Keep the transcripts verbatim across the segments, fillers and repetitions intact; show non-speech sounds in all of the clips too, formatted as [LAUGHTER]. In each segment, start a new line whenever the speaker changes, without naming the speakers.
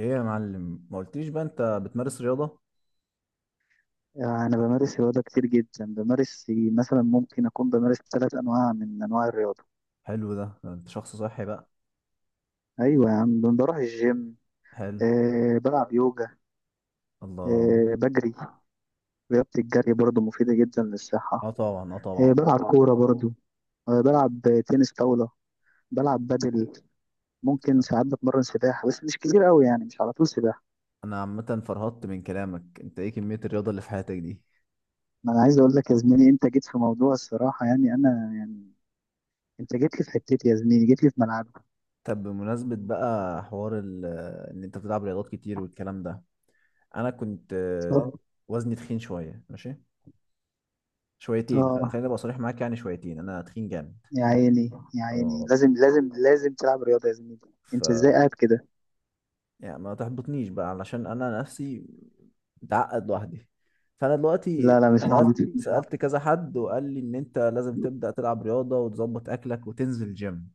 ايه يا معلم؟ ما قلتليش بقى انت بتمارس رياضة؟
أنا بمارس رياضة كتير جدا، بمارس مثلا، ممكن أكون بمارس ثلاث أنواع من أنواع الرياضة.
حلو. ده ده انت شخص صحي بقى.
أيوة يا عم، بروح الجيم.
حلو.
أه، بلعب يوجا.
الله.
أه، بجري. رياضة الجري برضو مفيدة جدا للصحة.
اه طبعا، اه
أه،
طبعا.
بلعب كورة برضو. أه، بلعب تنس طاولة. بلعب بدل. ممكن ساعات بتمرن سباحة، بس مش كتير قوي، يعني مش على طول سباحة.
انا عامة فرهطت من كلامك. انت ايه كمية الرياضة اللي في حياتك دي؟
ما أنا عايز أقول لك يا زميلي، أنت جيت في موضوع الصراحة، يعني أنا يعني، أنت جيت لي في حتتي يا زميلي، جيت لي في ملعبي.
طب بمناسبة بقى حوار ال- ان انت بتلعب رياضات كتير والكلام ده، انا كنت آه،
اتفضل.
وزني تخين شوية، ماشي، شويتين. خ-
اه،
خليني ابقى صريح معاك، يعني شويتين انا تخين جامد.
يا عيني يا عيني،
اه.
لازم لازم لازم تلعب رياضة يا زميلي.
ف
انت ازاي قاعد كده؟
يعني ما تحبطنيش بقى، علشان انا نفسي متعقد لوحدي. فانا دلوقتي
لا لا، مش
سألت
ههبط، مش ههبط.
سألت كذا حد وقال لي ان انت لازم تبدأ تلعب رياضة وتظبط اكلك وتنزل جيم.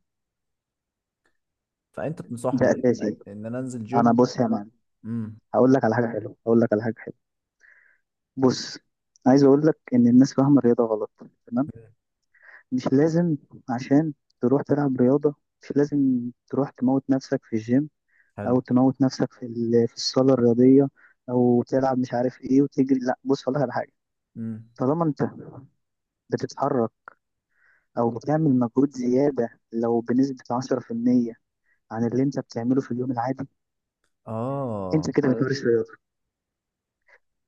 فانت
ده
تنصحني
اساسي.
ان انا انزل
انا
جيم؟
بص يا معلم،
امم.
هقول لك على حاجة حلوة، هقول لك على حاجة حلوة. بص، عايز اقول لك ان الناس فاهمة الرياضة غلط. تمام. مش لازم عشان تروح تلعب رياضة، مش لازم تروح تموت نفسك في الجيم، او
حلو.
تموت نفسك في ال- في الصالة الرياضية، او تلعب مش عارف ايه وتجري. لا بص، هقول لك على حاجة.
امم.
طالما انت بتتحرك، او بتعمل مجهود زيادة لو بنسبة عشرة في المية عن اللي انت بتعمله في اليوم العادي،
اه.
انت كده بتمارس خلاص رياضه.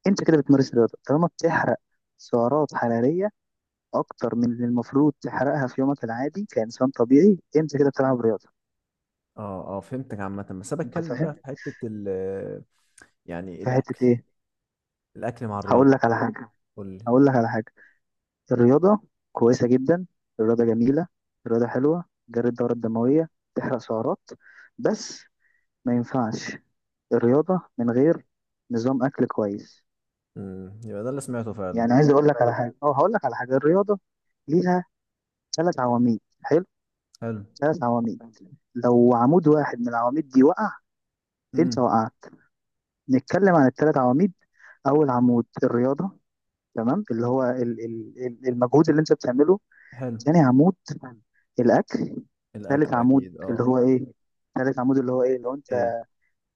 انت كده بتمارس رياضه طالما بتحرق سعرات حراريه اكتر من اللي المفروض تحرقها في يومك العادي كانسان طبيعي، انت كده بتلعب رياضه.
اه. اه فهمتك عامة، بس انا
انت
بتكلم بقى
فاهم؟
في حتة ال يعني
في حته
الاكل،
ايه؟
الاكل مع
هقول
الرياضة.
لك على حاجه،
قول لي.
هقول لك على حاجه. الرياضه كويسه جدا. الرياضه جميله. الرياضه حلوه، جري الدوره الدمويه، تحرق سعرات. بس ما ينفعش الرياضه من غير نظام اكل كويس.
امم، يبقى ده اللي سمعته فعلا.
يعني عايز اقول لك على حاجه، اه هقول لك على حاجه، الرياضه ليها ثلاث عواميد. حلو.
حلو.
ثلاث عواميد. لو عمود واحد من العواميد دي وقع، انت
امم.
وقعت. نتكلم عن الثلاث عواميد. اول عمود الرياضه، تمام، اللي هو ال- ال- ال- المجهود اللي انت بتعمله.
حلو.
ثاني عمود الاكل. ثالث
الاكل
عمود
اكيد،
اللي
اه.
هو ايه؟ ثالث عمود اللي هو ايه؟ لو انت
ايه؟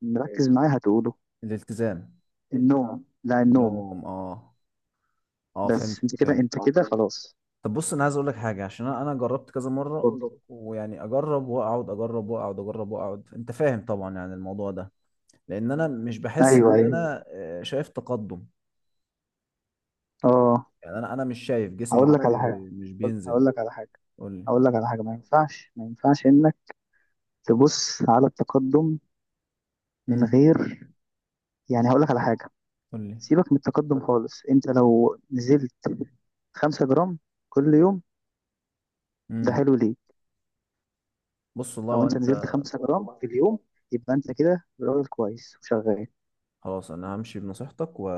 مركز معايا هتقوله.
الالتزام.
النوم. لا، النوم.
نوم، اه. اه فهمت،
بس انت كده،
فهمت
انت كده خلاص.
طب بص انا عايز اقول لك حاجه، عشان انا أنا جربت كذا مره، ويعني اجرب واقعد، اجرب واقعد، اجرب واقعد، انت فاهم طبعا يعني الموضوع ده، لان انا مش بحس
ايوه
ان
ايوه.
انا آه، شايف تقدم.
اه،
يعني انا انا مش شايف جسمي
هقول
مش
لك على حاجه،
بي... مش بينزل.
هقول لك على حاجه،
قول لي.
هقول لك على حاجه. ما ينفعش، ما ينفعش تبص على التقدم من
امم.
غير، يعني هقول لك على حاجة،
قول لي.
سيبك من التقدم خالص. انت لو نزلت خمسة جرام كل يوم، ده
امم.
حلو ليه.
بص والله
لو انت نزلت
وانت.
خمسة جرام في اليوم، يبقى انت كده راجل كويس وشغال.
خلاص انا همشي بنصيحتك و...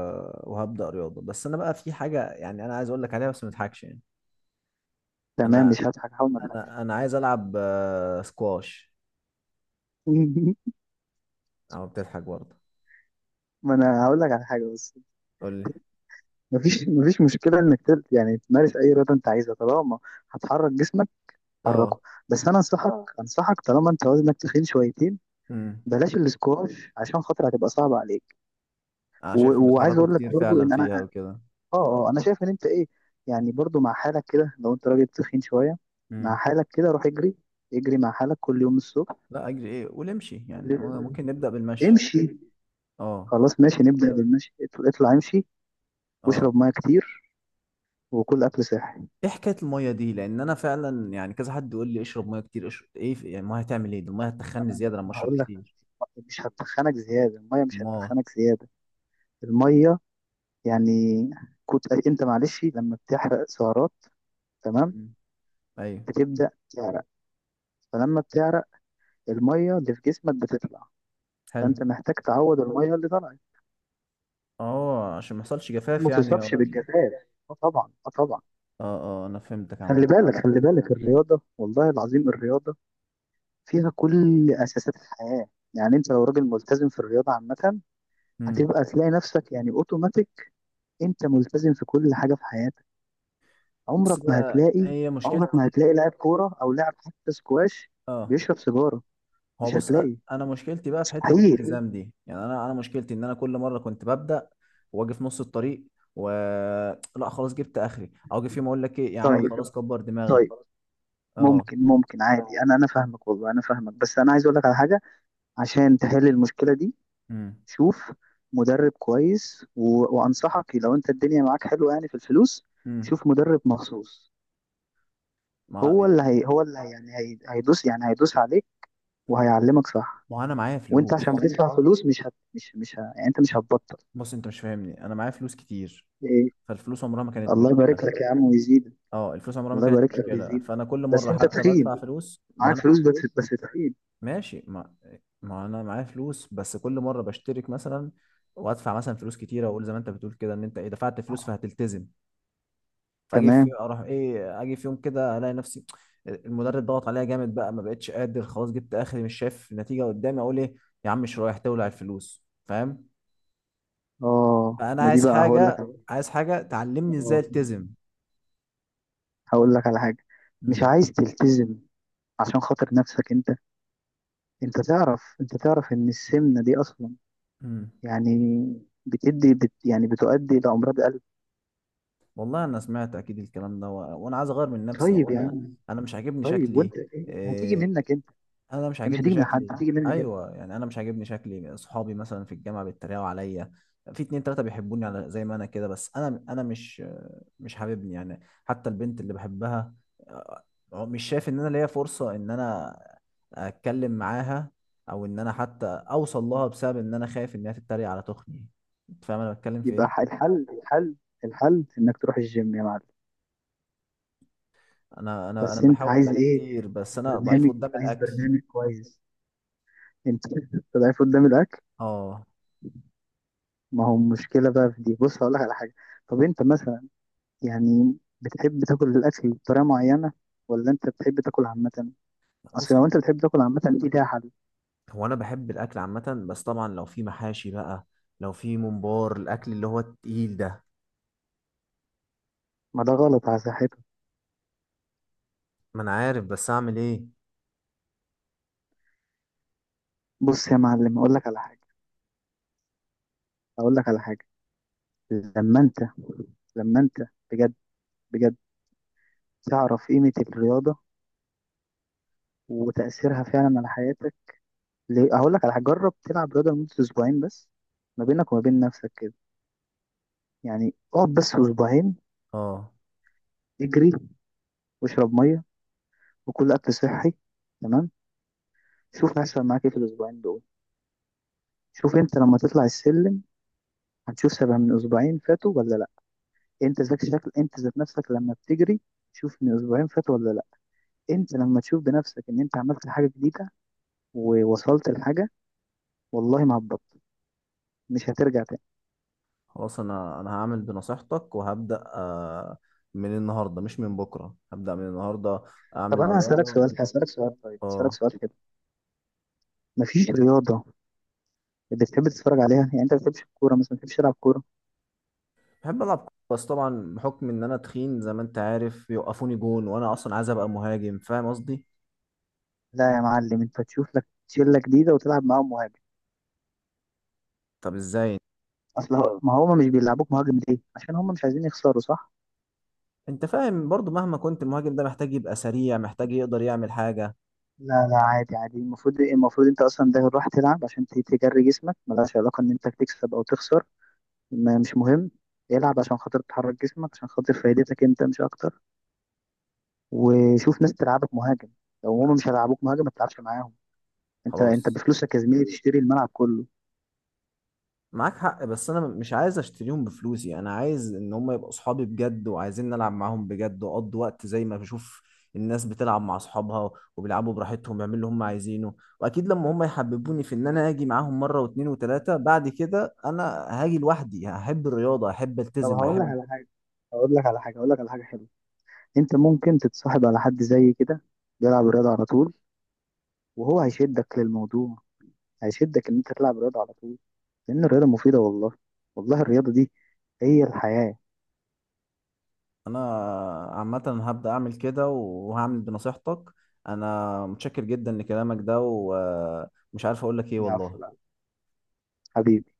وهبدا رياضه، بس انا بقى في حاجه يعني انا عايز اقول لك عليها بس ما تضحكش يعني.
تمام،
انا
مش هضحك، هحاول ما اضحكش.
انا انا عايز العب آه، سكواش.
[LAUGHS]
او بتضحك برضه؟
ما انا هقول لك على حاجة. بس
قول لي.
مفيش مفيش مشكلة انك تل- يعني تمارس اي رياضة انت عايزها، طالما هتحرك جسمك
اه.
حركه. بس انا انصحك، انصحك، طالما انت وزنك تخين شويتين،
امم.
بلاش الاسكواش عشان خاطر هتبقى صعبة عليك.
انا شايف
و-
إن
وعايز
بيتحركوا
اقول
كتير
لك برضو
فعلا
ان انا،
فيها وكده.
اه اه انا شايف ان انت ايه، يعني برضو مع حالك كده لو انت راجل تخين شويه، مع
امم.
حالك كده روح اجري. اجري مع حالك كل يوم الصبح.
لا اجري ايه، قول امشي يعني، ممكن نبدا بالمشي.
امشي.
اه.
خلاص، ماشي، نبدا بالمشي. اطلع اطلع، امشي.
اه.
واشرب ميه كتير، وكل اكل صحي.
ايه حكايه الميه دي؟ لان انا فعلا يعني كذا حد يقول لي اشرب ميه كتير، اشرب ايه في- يعني الميه هتعمل ايه؟ ده الميه هتخني
انا
زياده لما
ما
اشرب
هقول لك،
كتير.
مش هتخنك زياده، الميه مش
ما.
هتخنك زياده. الميه يعني، كنت انت معلش، لما بتحرق سعرات، تمام،
أمم. ايوه.
بتبدا تعرق، فلما بتعرق الميه اللي في جسمك بتطلع،
حلو.
فانت محتاج تعوض الميه اللي طلعت.
اه عشان ما يحصلش جفاف
ما
يعني أو...
تصابش بالجفاف. اه طبعا، اه طبعا.
اه اه انا فهمتك عامه.
خلي بالك، خلي بالك، الرياضه والله العظيم الرياضه فيها كل اساسات الحياه. يعني انت لو راجل ملتزم في الرياضه عامه،
امم.
هتبقى تلاقي نفسك يعني اوتوماتيك انت ملتزم في كل حاجه في حياتك.
بص
عمرك ما
بقى
هتلاقي،
هي
عمرك ما
مشكلتي.
هتلاقي لاعب كوره او لاعب حتى سكواش
اه.
بيشرب سيجاره.
هو
مش
بص أ-
هتلاقي.
انا مشكلتي بقى في حته
مستحيل.
الالتزام دي، يعني انا انا مشكلتي ان انا كل مره كنت ببدا واجي في نص الطريق و [TSK] لا خلاص جبت اخري، او اجي في يوم اقول لك ايه يا عم خلاص
طيب.
كبر
طيب.
دماغك. اه.
ممكن ممكن عادي، انا انا فاهمك، والله انا فاهمك، بس انا عايز اقول لك على حاجه عشان تحل المشكله دي.
امم.
شوف مدرب كويس و... وانصحك لو انت الدنيا معاك حلوه يعني في الفلوس،
امم.
شوف مدرب مخصوص.
ما.
هو اللي هي هو اللي هي يعني هي... هيدوس، يعني هيدوس عليك وهيعلمك صح.
ما انا معايا
وانت عشان
فلوس.
بتدفع فلوس، مش هت... مش مش ه... يعني انت مش هتبطل.
بص انت مش فاهمني، انا معايا فلوس كتير،
ايه؟
فالفلوس عمرها ما كانت
الله
مشكله.
يبارك لك يا عم ويزيد.
اه الفلوس عمرها ما
الله
كانت
يبارك لك
مشكله،
ويزيد،
فانا كل
بس
مره
انت
حتى بدفع
تخين.
فلوس، ما
معاك
انا.
فلوس، بس بس تخين.
ماشي. ما. ما انا معايا فلوس، بس كل مره بشترك مثلا وادفع مثلا فلوس كتيره، واقول زي ما انت بتقول كده ان انت ايه دفعت فلوس فهتلتزم، فاجي في
تمام.
اروح ايه اجي في يوم كده الاقي نفسي المدرب ضغط عليا جامد بقى ما بقتش قادر، خلاص جبت اخري، مش شايف نتيجه قدامي، اقول ايه يا عم مش رايح تولع الفلوس، فاهم؟
اه
فانا
ما دي
عايز
بقى هقول لك
حاجه
على-
عايز حاجه تعلمني ازاي
اه
التزم.
هقول لك على حاجه. مش
امم.
عايز تلتزم عشان خاطر نفسك انت؟ انت تعرف، انت تعرف ان السمنه دي اصلا
امم.
يعني بتدي بت يعني بتؤدي الى امراض قلب.
والله انا سمعت اكيد الكلام ده و... وانا عايز اغير من نفسي يعني،
طيب يا
انا
عم،
انا مش عاجبني
طيب، وانت
شكلي.
إيه؟ هتيجي
آه،
منك انت،
انا مش
هي مش
عاجبني
هتيجي من حد،
شكلي.
هتيجي منك.
ايوه يعني انا مش عاجبني شكلي، اصحابي مثلا في الجامعه بيتريقوا عليا، في اتنين تلاته بيحبوني على زي ما انا كده، بس انا انا مش، مش حاببني يعني. حتى البنت اللي بحبها آه، مش شايف ان انا ليا فرصه ان انا اتكلم معاها او ان انا حتى اوصل لها، بسبب ان انا خايف انها تتريق على تخني. انت فاهم انا بتكلم في
يبقى ح-
ايه؟
الحل، الحل، الحل انك تروح الجيم يا معلم.
انا انا انا
بس انت
بحاول
عايز
بالي
ايه؟
كتير، بس
عايز
انا ضعيف
برنامج،
قدام
عايز
الاكل.
برنامج كويس. انت [LAUGHS] ضعيف قدام الاكل.
اه.
ما هو المشكله بقى في دي. بص هقول لك على حاجه، طب انت مثلا يعني بتحب تاكل الاكل بطريقه معينه ولا انت بتحب تاكل عامه؟ اصل
بص،
لو انت بتحب تاكل عامه دي ليها حل.
هو انا بحب الاكل عامه، بس طبعا لو في محاشي بقى، لو في ممبار، الاكل اللي هو التقيل ده.
ما ده غلط على صحته.
ما انا عارف بس اعمل ايه؟
بص يا معلم، اقول لك على حاجه، اقول لك على حاجه، لما انت لما انت بجد، بجد تعرف قيمه الرياضه وتاثيرها فعلا على حياتك، ليه- هقول لك على حاجه، جرب تلعب رياضه لمده اسبوعين بس، ما بينك وما بين نفسك كده، يعني اقعد بس اسبوعين.
اه.
اجري، واشرب ميه، وكل اكل صحي، تمام؟ شوف هيحصل معاك ايه في الاسبوعين دول. شوف انت لما تطلع السلم، هتشوف سبع من اسبوعين فاتوا ولا لا. انت ذات شكل، انت ذات نفسك لما بتجري، شوف من اسبوعين فاتوا ولا لا. انت لما تشوف بنفسك ان انت عملت حاجه جديده ووصلت لحاجه، والله ما هتبطل، مش هترجع تاني.
خلاص انا انا هعمل بنصيحتك وهبدا آه، من النهارده، مش من بكره، هبدا من النهارده
طب
اعمل
انا هسالك
رياضه.
سؤال، هسالك سؤال، طيب هسالك
اه.
سؤال كده. مفيش رياضه بتحب تتفرج عليها؟ يعني انت ما بتحبش الكوره مثلا؟ ما بتحبش تلعب كوره؟
بحب العب كورة، بس طبعا بحكم ان انا تخين زي ما انت عارف، يوقفوني جون، وانا اصلا عايز ابقى مهاجم، فاهم قصدي؟
لا يا معلم، انت تشوف لك شله جديده وتلعب معاهم مهاجم.
طب ازاي؟
اصل هو- ما هم مش بيلعبوك مهاجم ليه؟ عشان هم مش عايزين يخسروا، صح؟
انت فاهم برضو، مهما كنت، المهاجم ده محتاج يبقى سريع، محتاج يقدر يعمل حاجه.
لا لا، عادي عادي، المفروض إيه، المفروض انت اصلا ده راح تلعب عشان ت- تجري جسمك، ملهاش علاقه ان انت تكسب او تخسر. ما مش مهم. العب عشان خاطر تحرك جسمك، عشان خاطر فايدتك انت مش اكتر. وشوف ناس تلعبك مهاجم. لو هم مش هيلعبوك مهاجم ما تلعبش معاهم. انت انت
خلاص.
بفلوسك يا زميلي تشتري الملعب كله.
معاك حق، بس انا مش عايز اشتريهم بفلوسي، انا عايز ان هم يبقوا اصحابي بجد، وعايزين نلعب معاهم بجد، واقضي وقت زي ما بشوف الناس بتلعب مع اصحابها، وبيلعبوا براحتهم بيعملوا اللي هم عايزينه، واكيد لما هم يحببوني في ان انا اجي معاهم مره واتنين وتلاته، بعد كده انا هاجي لوحدي، هحب الرياضه، هحب
طب
التزم،
هقول لك
هحب.
على حاجه، هقول لك على حاجه، هقول لك على حاجه حلوه. انت ممكن تتصاحب على حد زي كده بيلعب رياضه على طول، وهو هيشدك للموضوع، هيشدك ان انت تلعب رياضه على طول. لان الرياضه مفيده والله. والله الرياضه دي هي الحياه.
انا عامه هبدا اعمل كده وهعمل بنصيحتك. انا متشكر جدا لكلامك ده، ومش عارف اقول لك ايه
يا عفو، لا.
والله.
حبيبي.